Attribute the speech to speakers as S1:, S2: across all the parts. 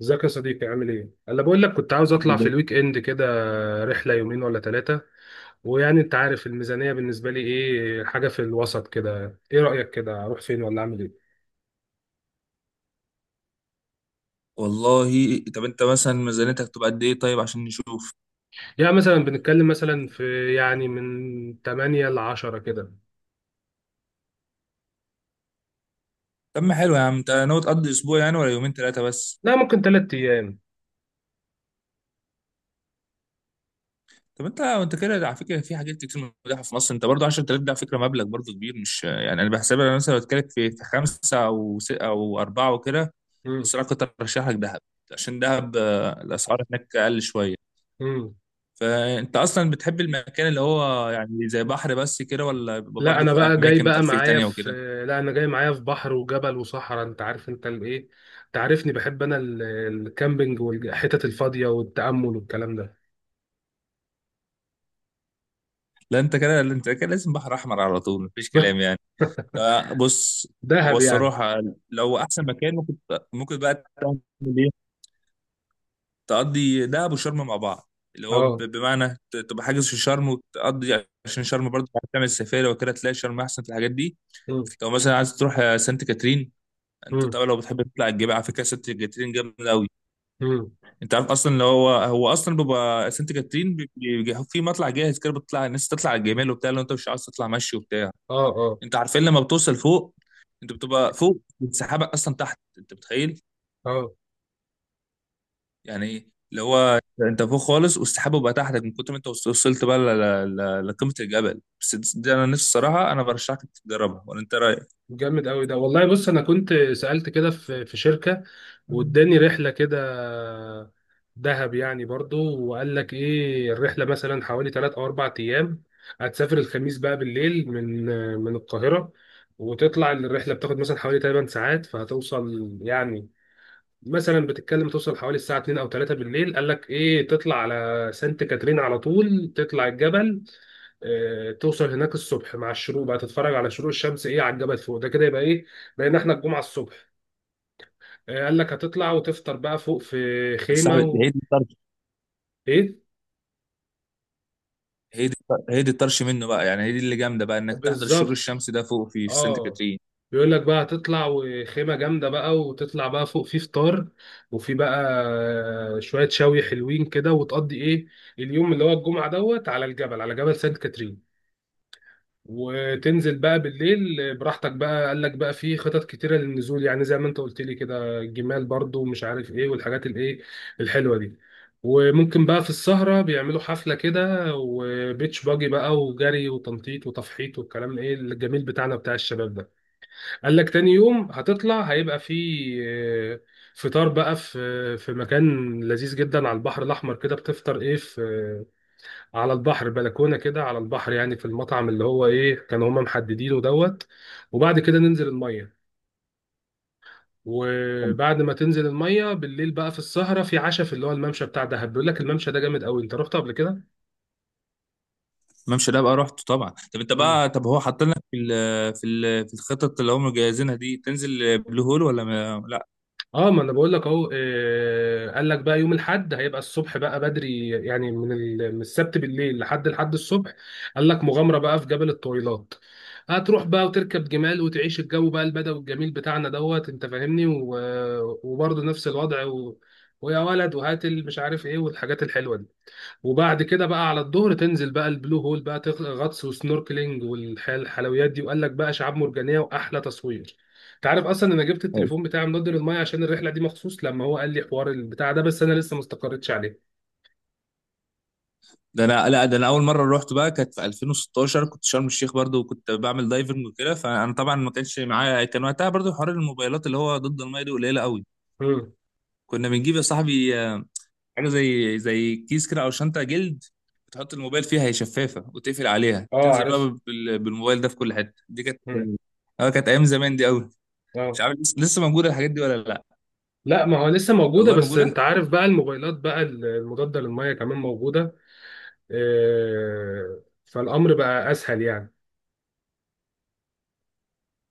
S1: ازيك يا صديقي؟ عامل ايه؟ انا بقول لك كنت عاوز
S2: الحمد
S1: اطلع في
S2: لله.
S1: الويك اند كده. رحله يومين ولا ثلاثه. ويعني انت عارف الميزانيه بالنسبه لي ايه، حاجه في الوسط كده. ايه رايك كده اروح فين ولا اعمل ايه؟
S2: والله، طب انت مثلا ميزانيتك تبقى قد ايه؟ طيب عشان نشوف.
S1: يعني مثلا بنتكلم مثلا في يعني من 8 ل 10 كده.
S2: طب ما حلو يا عم، انت ناوي تقضي اسبوع يعني ولا يومين ثلاثه بس؟
S1: لا، ممكن 3 ايام.
S2: طب انت كده على فكره في حاجات كتير متاحه في مصر. انت برضه 10000 ده على فكره مبلغ برضه كبير، مش يعني، انا بحسبها، انا مثلا بتكلم في خمسه او اربعه وكده.
S1: امم.
S2: بس انا كنت ارشح لك دهب، عشان دهب الاسعار هناك اقل شويه.
S1: امم.
S2: فانت اصلا بتحب المكان اللي هو يعني زي بحر بس كده، ولا بيبقى
S1: لا
S2: برضه
S1: انا
S2: في
S1: بقى جاي
S2: اماكن
S1: بقى
S2: ترفيه
S1: معايا
S2: تانية
S1: في
S2: وكده؟
S1: لا انا جاي معايا في بحر وجبل وصحراء. انت عارف انت الايه؟ انت عارفني بحب انا الكامبينج والحتت الفاضيه والتامل والكلام ده.
S2: لا انت كده لازم بحر احمر على طول، مفيش كلام يعني. ده بص، هو
S1: دهب يعني.
S2: الصراحه لو احسن مكان ممكن بقى تعمل ايه، تقضي دهب وشرم مع بعض، اللي هو
S1: اه.
S2: بمعنى تبقى حاجز في شرم وتقضي، عشان شرم برضه تعمل سفاري وكده، تلاقي شرم احسن في الحاجات دي.
S1: مم.
S2: لو مثلا عايز تروح سانت كاترين، انت
S1: مم.
S2: طبعا لو بتحب تطلع الجبال، على فكره سانت كاترين جامد قوي.
S1: مم.
S2: انت عارف اصلا اللي هو اصلا بيبقى سانت كاترين بيبقى في مطلع جاهز كده، بتطلع الناس تطلع على الجمال وبتاع لو انت مش عايز تطلع مشي وبتاع.
S1: اه. اه.
S2: انت عارفين لما بتوصل فوق، انت بتبقى فوق والسحابه اصلا تحت، انت متخيل؟
S1: اه،
S2: يعني ايه؟ اللي هو انت فوق خالص والسحابه بقى تحتك من كتر ما انت وصلت بقى لقمه الجبل. بس دي انا نفسي الصراحه، انا برشحك تجربها، ولا انت رايك؟
S1: جامد قوي ده والله. بص انا كنت سألت كده في شركة، واداني رحلة كده، دهب يعني برضو. وقال لك ايه، الرحلة مثلا حوالي 3 او 4 ايام. هتسافر الخميس بقى بالليل من القاهرة، وتطلع الرحلة بتاخد مثلا حوالي 8 ساعات. فهتوصل يعني مثلا، بتتكلم توصل حوالي الساعة 2 او 3 بالليل. قال لك ايه، تطلع على سانت كاترين على طول، تطلع الجبل. توصل هناك الصبح مع الشروق، بقى تتفرج على شروق الشمس ايه على الجبل فوق. ده كده يبقى ايه، بقينا احنا الجمعة الصبح. قال لك هتطلع وتفطر بقى فوق في
S2: يا
S1: خيمة
S2: صاحبي
S1: و...
S2: هي دي الطرش.
S1: ايه.
S2: هي دي هي دي الطرش منه بقى، يعني هي دي اللي جامده بقى، انك تحضر الشروق
S1: بالظبط.
S2: الشمسي ده فوق في سانت
S1: اه.
S2: كاترين.
S1: بيقول لك بقى هتطلع وخيمة جامدة بقى، وتطلع بقى فوق في فطار، وفي بقى شوية شوي حلوين كده. وتقضي ايه اليوم اللي هو الجمعة دوت على الجبل، على جبل سانت كاترين. وتنزل بقى بالليل براحتك بقى. قال لك بقى في خطط كتيرة للنزول، يعني زي ما انت قلت لي كده، الجمال برضو ومش عارف ايه، والحاجات الايه الحلوة دي. وممكن بقى في السهرة بيعملوا حفلة كده، وبيتش باجي بقى، وجري، وتنطيط، وتفحيط، والكلام الايه الجميل بتاعنا بتاع الشباب ده. قال لك تاني يوم هتطلع هيبقى في آه، فطار بقى في مكان لذيذ جدا على البحر الأحمر كده. بتفطر ايه في... على البحر، بلكونه كده على البحر. يعني في المطعم اللي هو ايه كانوا هما محددينه دوت. وبعد كده ننزل الميه، وبعد ما تنزل الميه بالليل بقى، في السهره في عشاء في اللي هو الممشى بتاع دهب. بيقول لك الممشى ده جامد قوي، انت رحت قبل كده؟
S2: الممشى ده بقى رحته طبعا. طب انت بقى، طب هو حاطط لك في الخطط اللي هم مجهزينها دي تنزل بلو هول ولا ما لا؟
S1: اه، ما انا بقول لك اهو. قال لك بقى يوم الاحد هيبقى الصبح بقى بدري، يعني من السبت بالليل لحد الحد الصبح. قال لك مغامره بقى في جبل الطويلات. هتروح بقى وتركب جمال، وتعيش الجو بقى البدوي الجميل بتاعنا دوت. انت فاهمني و... وبرضه نفس الوضع و... ويا ولد وهات مش عارف ايه، والحاجات الحلوه دي. وبعد كده بقى على الظهر تنزل بقى البلو هول، بقى غطس وسنوركلينج والحلويات دي. وقال لك بقى شعاب مرجانيه واحلى تصوير. انت عارف اصلا انا جبت التليفون بتاعي منضد للميه عشان الرحله دي مخصوص، لما هو قال لي حوار البتاع ده، بس انا لسه ما استقريتش عليه.
S2: ده انا اول مره رحت بقى كانت في 2016، كنت شرم الشيخ برضو وكنت بعمل دايفنج وكده، فانا طبعا ما كانش معايا، كان وقتها برضو حوار الموبايلات اللي هو ضد الميه دي قليله قوي.
S1: امم.
S2: كنا بنجيب يا صاحبي حاجه زي كيس كده او شنطه جلد، بتحط الموبايل فيها، هي شفافه وتقفل عليها
S1: اه
S2: تنزل
S1: عارف.
S2: بقى بالموبايل ده في كل حته، دي كانت،
S1: امم.
S2: اه كانت ايام زمان دي قوي. مش
S1: اه
S2: عارف لسه موجوده الحاجات دي ولا لا.
S1: لا، ما هو لسه موجوده،
S2: والله
S1: بس انت
S2: موجوده.
S1: عارف بقى الموبايلات بقى المضاده للميه كمان موجوده. آه فالامر بقى اسهل يعني.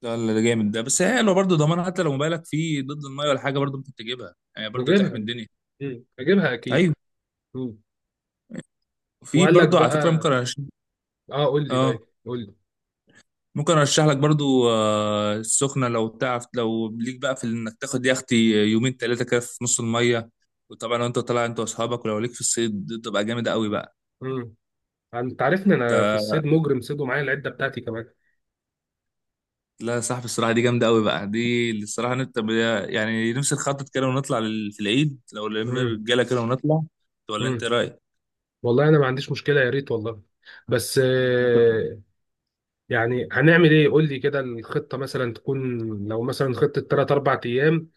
S2: ده جامد، ده بس حلو برضو ضمان، حتى لو موبايلك فيه ضد الميه ولا حاجه، برضو ممكن تجيبها يعني برضو
S1: نجيبها.
S2: تحمي الدنيا.
S1: امم، نجيبها اكيد.
S2: ايوه.
S1: امم.
S2: في
S1: وقال لك
S2: برضو على فكرة
S1: بقى...
S2: ممكن أرشح.
S1: اه، قول لي،
S2: اه
S1: طيب قول
S2: ممكن أرشح لك برضو السخنة، لو تعرف لو ليك بقى في إنك تاخد يختي يومين تلاتة كده في نص المية. وطبعا لو أنت طالع أنت وأصحابك، ولو ليك في الصيد دي تبقى جامدة أوي بقى.
S1: لي. انت عارفني، انا في الصيد مجرم صيد ومعايا العده بتاعتي كمان.
S2: لا يا صاحبي الصراحة دي جامدة أوي بقى، دي اللي الصراحة يعني نفسي نخطط كده ونطلع في العيد لو لم
S1: امم.
S2: الرجالة كده ونطلع، ولا أنت
S1: امم.
S2: إيه رأيك؟
S1: والله انا ما عنديش مشكله، يا ريت والله. بس يعني هنعمل ايه؟ قول لي كده الخطه مثلا تكون. لو مثلا خطه 3 4 ايام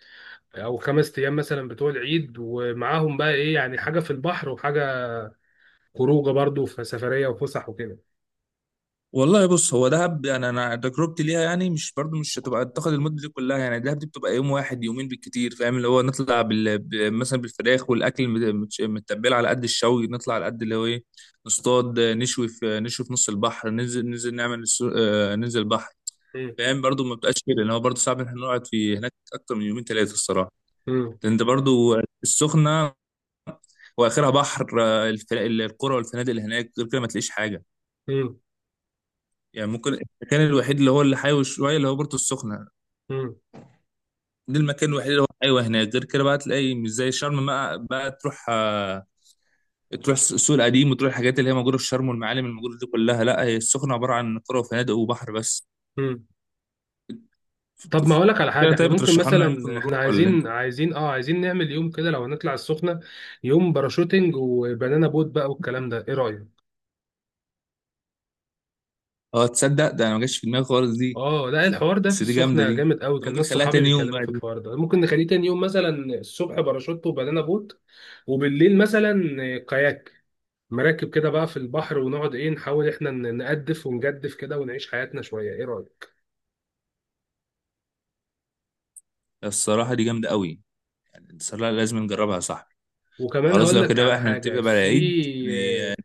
S1: او 5 ايام مثلا بتوع العيد، ومعاهم بقى ايه يعني حاجه في البحر، وحاجه خروجه برضو في سفريه وفسح وكده.
S2: والله بص، هو دهب يعني انا تجربتي ليها يعني مش برضو، مش هتبقى تاخد المده دي كلها. يعني دهب دي بتبقى يوم واحد يومين بالكتير، فاهم؟ اللي هو نطلع مثلا بالفراخ والاكل متبل على قد الشوي، نطلع على قد اللي هو ايه، نصطاد نشوي في نص البحر، ننزل نعمل السو... آه، ننزل البحر.
S1: امم.
S2: فاهم؟ برضو ما بتبقاش كده، لان هو برضو صعب ان احنا نقعد في هناك اكتر من يومين ثلاثه الصراحه،
S1: امم.
S2: لان انت برضو السخنه واخرها بحر القرى والفنادق اللي هناك، غير كده ما تلاقيش حاجه.
S1: امم.
S2: يعني ممكن المكان الوحيد اللي هو اللي حيوي شويه اللي هو بورتو السخنه، ده المكان الوحيد اللي هو حيوي هناك، غير كده بقى تلاقي مش زي شرم بقى تروح تروح السوق القديم وتروح الحاجات اللي هي موجوده في شرم والمعالم الموجوده دي كلها. لا، هي السخنه عباره عن قرى وفنادق وبحر بس.
S1: امم. طب ما
S2: ف-
S1: اقولك على
S2: كده
S1: حاجه، احنا
S2: طيب،
S1: ممكن
S2: بترشحوا لنا ممكن
S1: مثلا احنا
S2: نروح، ولا انت؟
S1: عايزين نعمل يوم كده لو هنطلع السخنه، يوم باراشوتنج وبنانا بوت بقى والكلام ده، ايه رايك؟
S2: اه تصدق ده انا ما جاش في دماغي خالص دي.
S1: اه لا، الحوار ده في
S2: بس دي جامده،
S1: السخنه
S2: دي
S1: جامد قوي،
S2: انت
S1: كان
S2: ممكن
S1: ناس
S2: نخليها
S1: صحابي
S2: تاني يوم
S1: بيتكلموا
S2: بقى
S1: في
S2: دي.
S1: الحوار ده. ممكن نخليه تاني يوم مثلا الصبح باراشوت وبنانا بوت، وبالليل مثلا كاياك، مراكب كده بقى في البحر، ونقعد ايه نحاول احنا نقدف ونجدف كده ونعيش حياتنا شويه، ايه رايك؟
S2: الصراحه دي جامده قوي، يعني الصراحه لازم نجربها يا صاحبي.
S1: وكمان
S2: خلاص
S1: هقول
S2: لو
S1: لك
S2: كده بقى
S1: على
S2: احنا نتفق
S1: حاجه،
S2: بقى على
S1: في
S2: العيد يعني،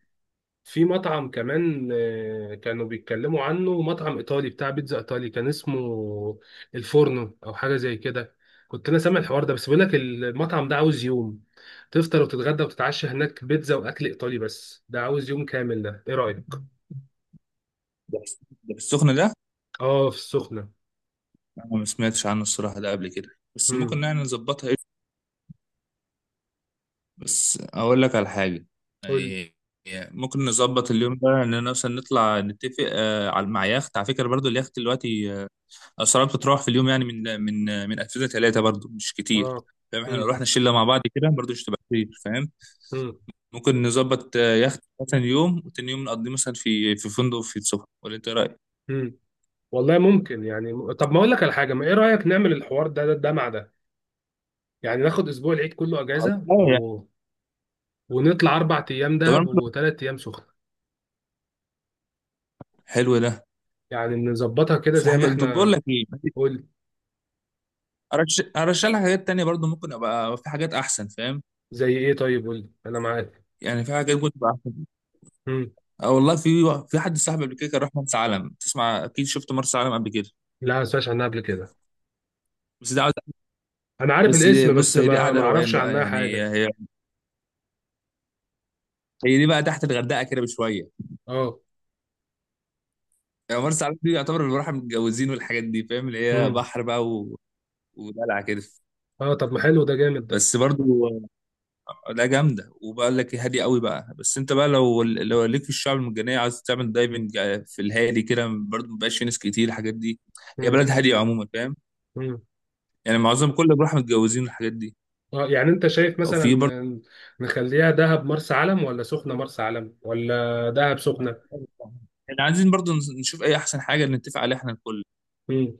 S1: في مطعم كمان كانوا بيتكلموا عنه، مطعم ايطالي بتاع بيتزا ايطالي، كان اسمه الفورنو او حاجه زي كده. كنت انا سامع الحوار ده، بس بيقول لك المطعم ده عاوز يوم، تفطر وتتغدى وتتعشى هناك بيتزا واكل ايطالي. بس ده عاوز يوم كامل ده، ايه رايك؟
S2: ده في السخنه ده،
S1: اه في السخنه.
S2: انا ما سمعتش عنه الصراحه ده قبل كده، بس
S1: امم.
S2: ممكن يعني نظبطها ايه. بس اقول لك على حاجه
S1: قول لي.
S2: يعني، ممكن نظبط اليوم ده ان مثلا نطلع نتفق على، مع يخت. على فكره برضو اليخت دلوقتي اسعاره بتتراوح في اليوم يعني من اكتر ثلاثه برضو، مش كتير.
S1: اه.
S2: فاهم؟ احنا لو
S1: امم.
S2: رحنا الشله مع بعض كده برضو مش هتبقى كتير، فاهم؟
S1: امم.
S2: ممكن نظبط يخت مثلا يوم، وتاني يوم نقضيه مثلا في فندق في السخنه، ولا انت إيه رايك؟
S1: امم. والله ممكن يعني. طب ما اقول لك على حاجه، ما ايه رايك نعمل الحوار ده، ده مع ده. يعني ناخد اسبوع العيد كله
S2: خلاص،
S1: اجازه
S2: يعني.
S1: و... ونطلع 4 ايام
S2: طب أنا
S1: دهب وثلاث ايام سخنه.
S2: حلو ده.
S1: يعني نظبطها كده
S2: في
S1: زي ما
S2: حاجه، طب بقول
S1: احنا
S2: لك ايه،
S1: قلت.
S2: ارشح لك حاجات تانية برضو، ممكن ابقى في حاجات احسن، فاهم؟
S1: زي ايه؟ طيب قول لي، انا معاك.
S2: يعني في حاجات ممكن تبقى احسن.
S1: امم.
S2: اه والله في حد صاحبي قبل كده كان راح مرسى علم، تسمع اكيد؟ شفت مرسى علم قبل كده؟
S1: لا ما سمعتش عنها قبل كده.
S2: بس ده عاوز-
S1: انا عارف
S2: بس دي-
S1: الاسم
S2: بص،
S1: بس
S2: هي دي
S1: ما
S2: قاعده
S1: ما
S2: روقان
S1: اعرفش
S2: بقى،
S1: عنها
S2: يعني
S1: حاجه.
S2: هي دي بقى تحت الغردقه كده بشويه.
S1: اه.
S2: يعني مرسى علم دي يعتبر اللي راح متجوزين والحاجات دي، فاهم؟ اللي هي
S1: امم.
S2: بحر بقى ودلع كده.
S1: اه طب ما حلو ده، جامد ده.
S2: بس برضو، لا جامده، وبقول لك هادي قوي بقى، بس انت بقى لو ليك في الشعب المرجانيه، عايز تعمل دايفنج في الهادي كده برضه، مبقاش في ناس كتير الحاجات دي، هي
S1: امم.
S2: بلد هاديه عموما، فاهم؟
S1: امم.
S2: يعني معظم كل اللي بروح متجوزين الحاجات دي،
S1: اه يعني انت شايف
S2: او
S1: مثلا
S2: في برضه
S1: نخليها دهب مرسى علم، ولا سخنه مرسى علم، ولا دهب سخنه؟
S2: احنا عايزين برضه نشوف اي احسن حاجه نتفق عليها احنا الكل.
S1: امم.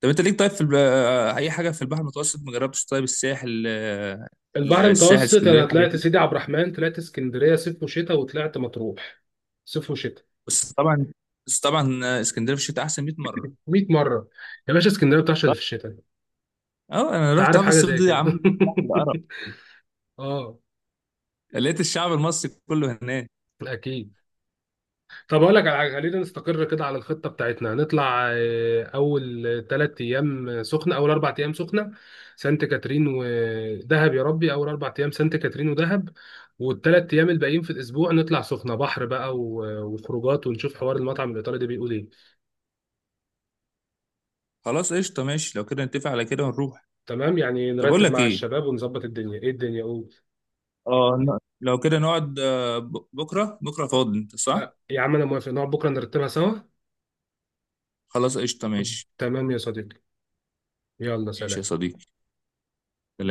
S2: طب انت ليك طيب في الب... آه، اي حاجه في البحر المتوسط ما جربتش؟ طيب الساحل
S1: البحر
S2: الساحل،
S1: المتوسط
S2: اسكندريه،
S1: انا
S2: الحاجات
S1: طلعت
S2: دي.
S1: سيدي عبد الرحمن، طلعت اسكندريه صيف وشتاء، وطلعت مطروح صيف وشتاء.
S2: بس طبعا بس طبعا اسكندريه في الشتاء احسن 100 مره.
S1: 100 مره. يا باشا اسكندريه بتعشق اللي في الشتاء.
S2: اه انا
S1: انت
S2: رحت
S1: عارف
S2: في
S1: حاجه
S2: الصيف
S1: زي
S2: دي يا
S1: كده.
S2: عم،
S1: اه.
S2: لقيت الشعب المصري كله هناك.
S1: اكيد. طب اقول لك على حاجة، خلينا نستقر كده على الخطه بتاعتنا. هنطلع اول 3 ايام سخنه، اول 4 ايام سخنه سانت كاترين ودهب، يا ربي اول 4 ايام سانت كاترين ودهب، والثلاث ايام الباقيين في الاسبوع نطلع سخنه بحر بقى وخروجات، ونشوف حوار المطعم الايطالي ده بيقول ايه.
S2: خلاص قشطه، ماشي لو كده نتفق على كده ونروح.
S1: تمام، يعني
S2: طب اقول
S1: نرتب
S2: لك
S1: مع
S2: ايه،
S1: الشباب ونظبط الدنيا ايه الدنيا قول.
S2: اه لو كده نقعد بكره فاضي انت صح؟
S1: لا، يا عم انا موافق، نقعد بكره نرتبها سوا.
S2: خلاص قشطه ماشي.
S1: تمام يا صديقي. يلا
S2: ماشي يا
S1: سلام.
S2: صديقي، سلام.